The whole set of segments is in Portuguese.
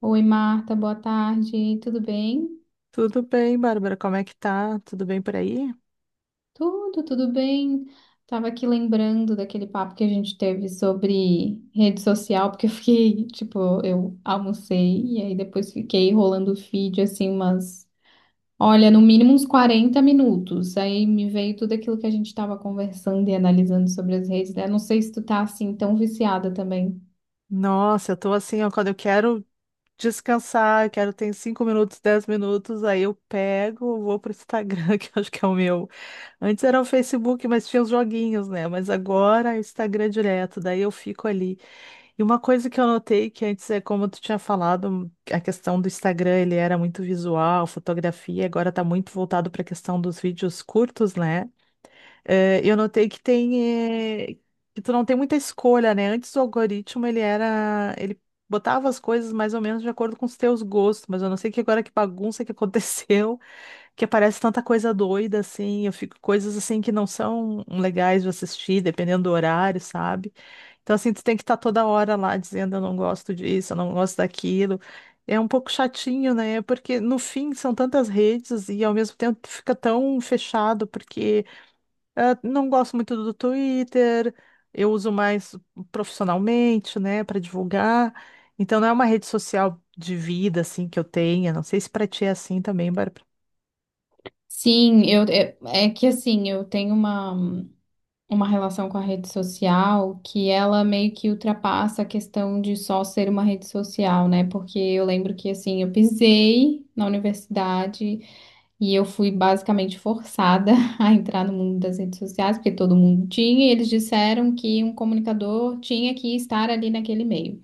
Oi, Marta, boa tarde. Tudo bem? Tudo bem, Bárbara? Como é que tá? Tudo bem por aí? Tudo, tudo bem. Tava aqui lembrando daquele papo que a gente teve sobre rede social, porque eu fiquei, tipo, eu almocei e aí depois fiquei rolando o feed assim umas, olha, no mínimo uns 40 minutos. Aí me veio tudo aquilo que a gente tava conversando e analisando sobre as redes, né? Não sei se tu tá assim tão viciada também. Nossa, eu tô assim, ó, quando eu quero descansar, eu quero ter 5 minutos, 10 minutos, aí eu pego, vou pro Instagram, que eu acho que é o meu. Antes era o Facebook, mas tinha os joguinhos, né? Mas agora é o Instagram direto, daí eu fico ali. E uma coisa que eu notei que antes é como tu tinha falado, a questão do Instagram, ele era muito visual, fotografia, agora tá muito voltado para a questão dos vídeos curtos, né? É, eu notei que tem, é, que tu não tem muita escolha, né? Antes o algoritmo ele botava as coisas mais ou menos de acordo com os teus gostos, mas eu não sei que agora que bagunça que aconteceu, que aparece tanta coisa doida assim, eu fico coisas assim que não são legais de assistir, dependendo do horário, sabe? Então assim, tu tem que estar toda hora lá dizendo eu não gosto disso, eu não gosto daquilo. É um pouco chatinho, né? Porque no fim são tantas redes e ao mesmo tempo tu fica tão fechado porque ah, não gosto muito do Twitter, eu uso mais profissionalmente, né, para divulgar. Então não é uma rede social de vida assim que eu tenha. Não sei se para ti é assim também, Bárbara. Sim, eu é que assim, eu tenho uma relação com a rede social que ela meio que ultrapassa a questão de só ser uma rede social, né? Porque eu lembro que assim, eu pisei na universidade e eu fui basicamente forçada a entrar no mundo das redes sociais, porque todo mundo tinha, e eles disseram que um comunicador tinha que estar ali naquele meio.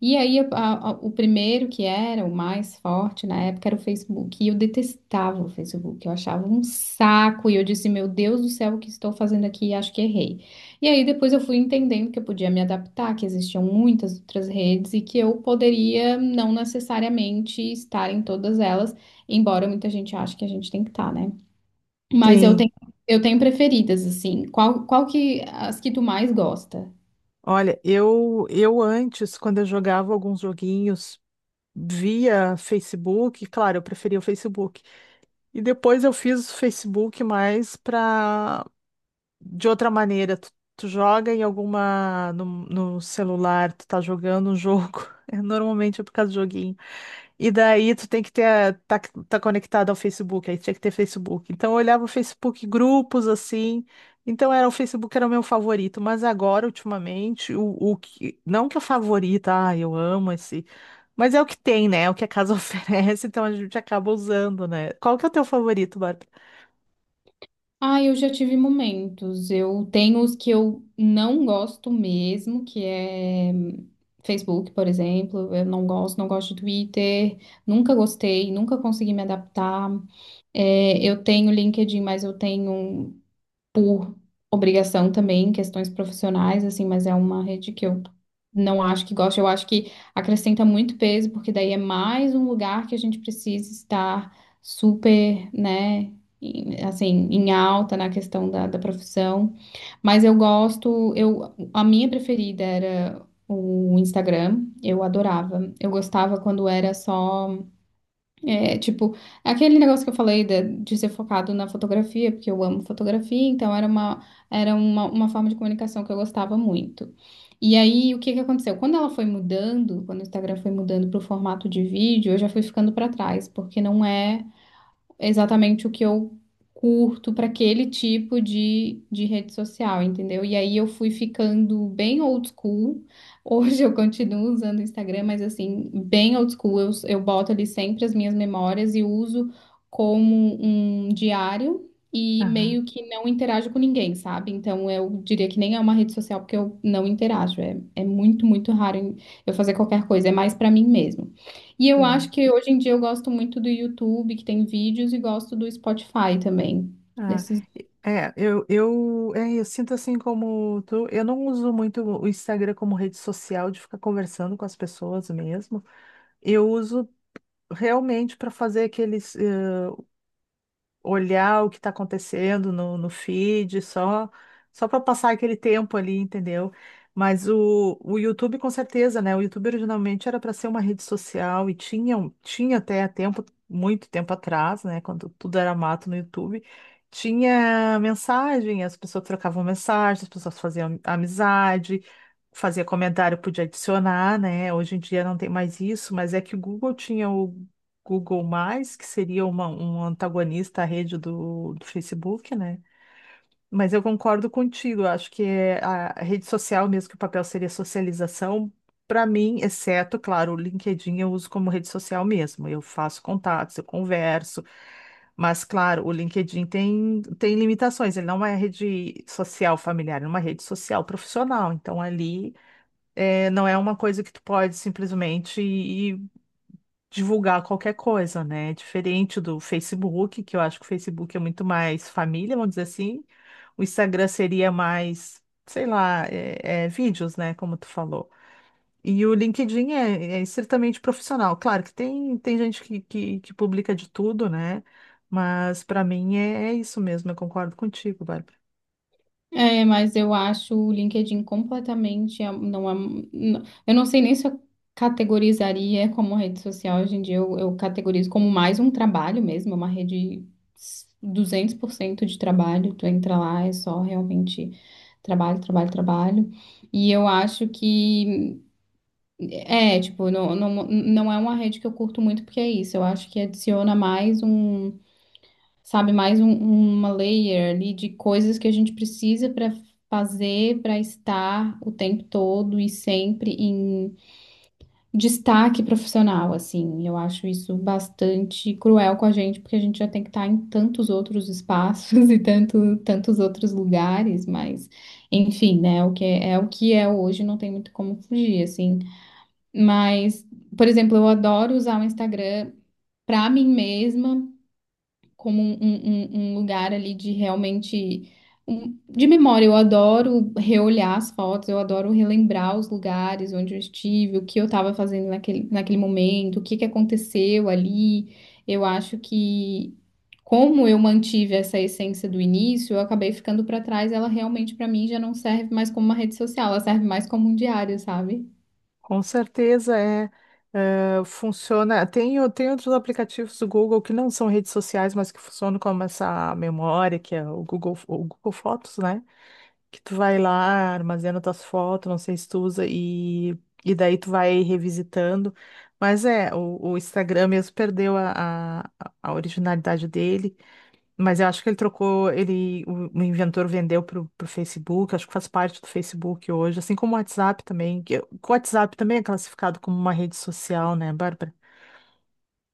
E aí, o primeiro que era o mais forte na época era o Facebook. E eu detestava o Facebook. Eu achava um saco. E eu disse, meu Deus do céu, o que estou fazendo aqui? Acho que errei. E aí, depois eu fui entendendo que eu podia me adaptar, que existiam muitas outras redes e que eu poderia não necessariamente estar em todas elas, embora muita gente ache que a gente tem que estar, né? Mas eu Sim. tenho, eu tenho preferidas, assim. Qual que, as que tu mais gosta? Olha, eu antes, quando eu jogava alguns joguinhos via Facebook, claro, eu preferia o Facebook. E depois eu fiz o Facebook mais para de outra maneira, tu joga em alguma. No celular, tu tá jogando um jogo. É, normalmente é por causa do joguinho. E daí tu tem que ter. Tá, tá conectado ao Facebook, aí tinha que ter Facebook. Então eu olhava o Facebook, grupos assim. Então era o Facebook era o meu favorito, mas agora, ultimamente, o que. Não que é o favorito, ah, eu amo esse. Mas é o que tem, né? É o que a casa oferece, então a gente acaba usando, né? Qual que é o teu favorito, Bárbara? Ah, eu já tive momentos. Eu tenho os que eu não gosto mesmo, que é Facebook, por exemplo. Eu não gosto, não gosto de Twitter. Nunca gostei, nunca consegui me adaptar. É, eu tenho LinkedIn, mas eu tenho por obrigação também, questões profissionais, assim, mas é uma rede que eu não acho que gosto. Eu acho que acrescenta muito peso, porque daí é mais um lugar que a gente precisa estar super, né? Assim, em alta na questão da profissão, mas eu gosto, eu, a minha preferida era o Instagram, eu adorava. Eu gostava quando era só é, tipo, aquele negócio que eu falei de ser focado na fotografia, porque eu amo fotografia, então era uma, era uma forma de comunicação que eu gostava muito. E aí, o que que aconteceu? Quando ela foi mudando, quando o Instagram foi mudando para o formato de vídeo, eu já fui ficando para trás, porque não é exatamente o que eu curto para aquele tipo de rede social, entendeu? E aí eu fui ficando bem old school. Hoje eu continuo usando o Instagram, mas assim, bem old school. Eu boto ali sempre as minhas memórias e uso como um diário. E Aham, meio que não interajo com ninguém, sabe? Então eu diria que nem é uma rede social porque eu não interajo. É, é muito, muito raro eu fazer qualquer coisa. É mais para mim mesmo. E eu acho sim. que hoje em dia eu gosto muito do YouTube, que tem vídeos, e gosto do Spotify também. Ah, Desses... é, eu, é, eu sinto assim como tu, eu não uso muito o Instagram como rede social de ficar conversando com as pessoas mesmo. Eu uso realmente para fazer aqueles. Olhar o que está acontecendo no feed, só para passar aquele tempo ali, entendeu? Mas o YouTube, com certeza, né? O YouTube originalmente era para ser uma rede social e tinha, tinha até tempo, muito tempo atrás, né? Quando tudo era mato no YouTube, tinha mensagem, as pessoas trocavam mensagem, as pessoas faziam amizade. Fazia comentário, podia adicionar, né? Hoje em dia não tem mais isso, mas é que o Google tinha o Google+, que seria um antagonista à rede do Facebook, né? Mas eu concordo contigo, eu acho que é a rede social mesmo, que o papel seria socialização, para mim, exceto, claro, o LinkedIn eu uso como rede social mesmo, eu faço contatos, eu converso, mas, claro, o LinkedIn tem limitações, ele não é rede social familiar, é uma rede social profissional, então ali não é uma coisa que tu pode simplesmente ir divulgar qualquer coisa, né? Diferente do Facebook, que eu acho que o Facebook é muito mais família, vamos dizer assim. O Instagram seria mais, sei lá, vídeos, né? Como tu falou. E o LinkedIn é estritamente profissional. Claro que tem gente que publica de tudo, né? Mas para mim é isso mesmo, eu concordo contigo, Bárbara. É, mas eu acho o LinkedIn completamente. Não, não- eu não sei nem se eu categorizaria como rede social hoje em dia. Eu categorizo como mais um trabalho mesmo, é uma rede 200% de trabalho. Tu entra lá, é só realmente trabalho, trabalho, trabalho. E eu acho que. É, tipo, não, não, não é uma rede que eu curto muito, porque é isso. Eu acho que adiciona mais um, sabe, uma layer ali de coisas que a gente precisa para fazer, para estar o tempo todo e sempre em destaque profissional, assim. Eu acho isso bastante cruel com a gente, porque a gente já tem que estar em tantos outros espaços e tantos outros lugares, mas, enfim, né? O que é, é o que é hoje, não tem muito como fugir, assim. Mas, por exemplo, eu adoro usar o Instagram para mim mesma, como um lugar ali de realmente. De memória. Eu adoro reolhar as fotos, eu adoro relembrar os lugares onde eu estive, o que eu estava fazendo naquele momento, o que que aconteceu ali. Eu acho que. Como eu mantive essa essência do início, eu acabei ficando para trás. Ela realmente, para mim, já não serve mais como uma rede social, ela serve mais como um diário, sabe? Com certeza é, funciona. Tem outros aplicativos do Google que não são redes sociais, mas que funcionam como essa memória, que é o Google Fotos, né? Que tu vai lá, armazena tuas fotos, não sei se tu usa, e daí tu vai revisitando. Mas é, o Instagram mesmo perdeu a originalidade dele. Mas eu acho que ele trocou, o inventor vendeu pro Facebook, acho que faz parte do Facebook hoje, assim como o WhatsApp também, que o WhatsApp também é classificado como uma rede social, né, Bárbara?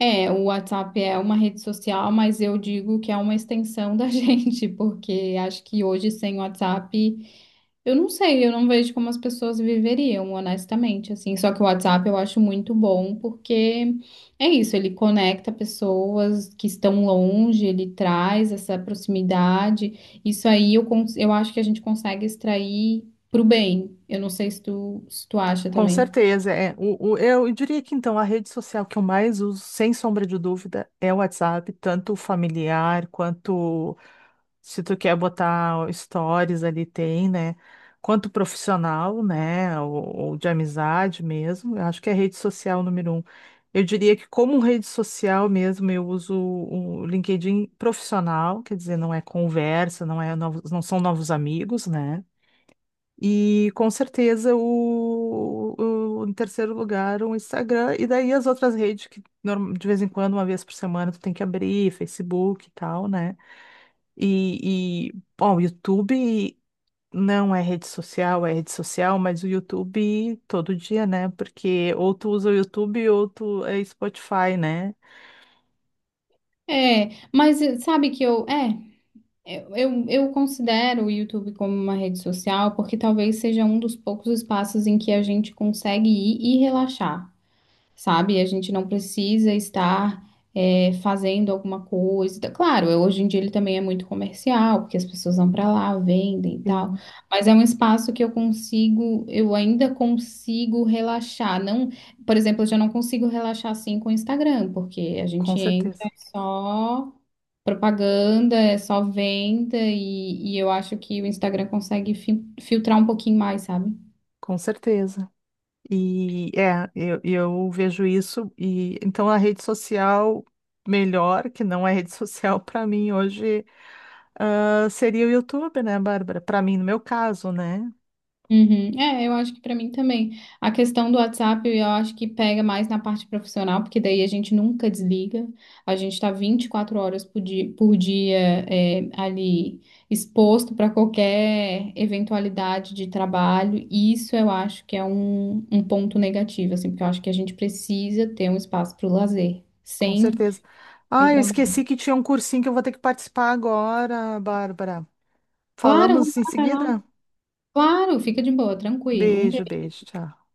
É, o WhatsApp é uma rede social, mas eu digo que é uma extensão da gente, porque acho que hoje sem WhatsApp, eu não sei, eu não vejo como as pessoas viveriam, honestamente, assim. Só que o WhatsApp eu acho muito bom, porque é isso, ele conecta pessoas que estão longe, ele traz essa proximidade. Isso aí eu, eu acho que a gente consegue extrair pro bem. Eu não sei se tu, acha Com também. certeza, é. Eu diria que então a rede social que eu mais uso, sem sombra de dúvida, é o WhatsApp, tanto o familiar quanto Se tu quer botar stories ali, tem, né? Quanto profissional, né? Ou de amizade mesmo. Eu acho que é rede social número um. Eu diria que como rede social mesmo, eu uso o LinkedIn profissional, quer dizer, não é conversa, não são novos amigos, né? E com certeza em terceiro lugar o Instagram, e daí as outras redes que de vez em quando, uma vez por semana, tu tem que abrir, Facebook e tal, né? E bom, o YouTube não é rede social, é rede social, mas o YouTube todo dia, né? Porque ou tu usa o YouTube ou tu é Spotify, né? É, mas eh, sabe que eu. É. Eu considero o YouTube como uma rede social porque talvez seja um dos poucos espaços em que a gente consegue ir e relaxar sabe? A gente não precisa estar fazendo alguma coisa. Claro, hoje em dia ele também é muito comercial, porque as pessoas vão para lá, vendem e tal. Sim, Mas é um espaço que eu consigo, eu ainda consigo relaxar. Não, por exemplo, eu já não consigo relaxar assim com o Instagram, porque a com gente entra certeza. é só propaganda, é só venda, e eu acho que o Instagram consegue filtrar um pouquinho mais, sabe? Com certeza. E é, eu vejo isso e então a rede social melhor, que não é rede social para mim hoje, ah, seria o YouTube, né, Bárbara? Para mim, no meu caso, né? Uhum. É, eu acho que para mim também. A questão do WhatsApp, eu acho que pega mais na parte profissional, porque daí a gente nunca desliga. A gente está 24 horas por dia, é, ali exposto para qualquer eventualidade de trabalho. E isso eu acho que é um ponto negativo, assim, porque eu acho que a gente precisa ter um espaço para o lazer, Com sem, certeza. sem Ah, eu trabalho. esqueci que tinha um cursinho que eu vou ter que participar agora, Bárbara. Claro, vai lá, Falamos em vai lá. seguida? Claro, fica de boa, tranquilo. Um Beijo, beijo, tchau.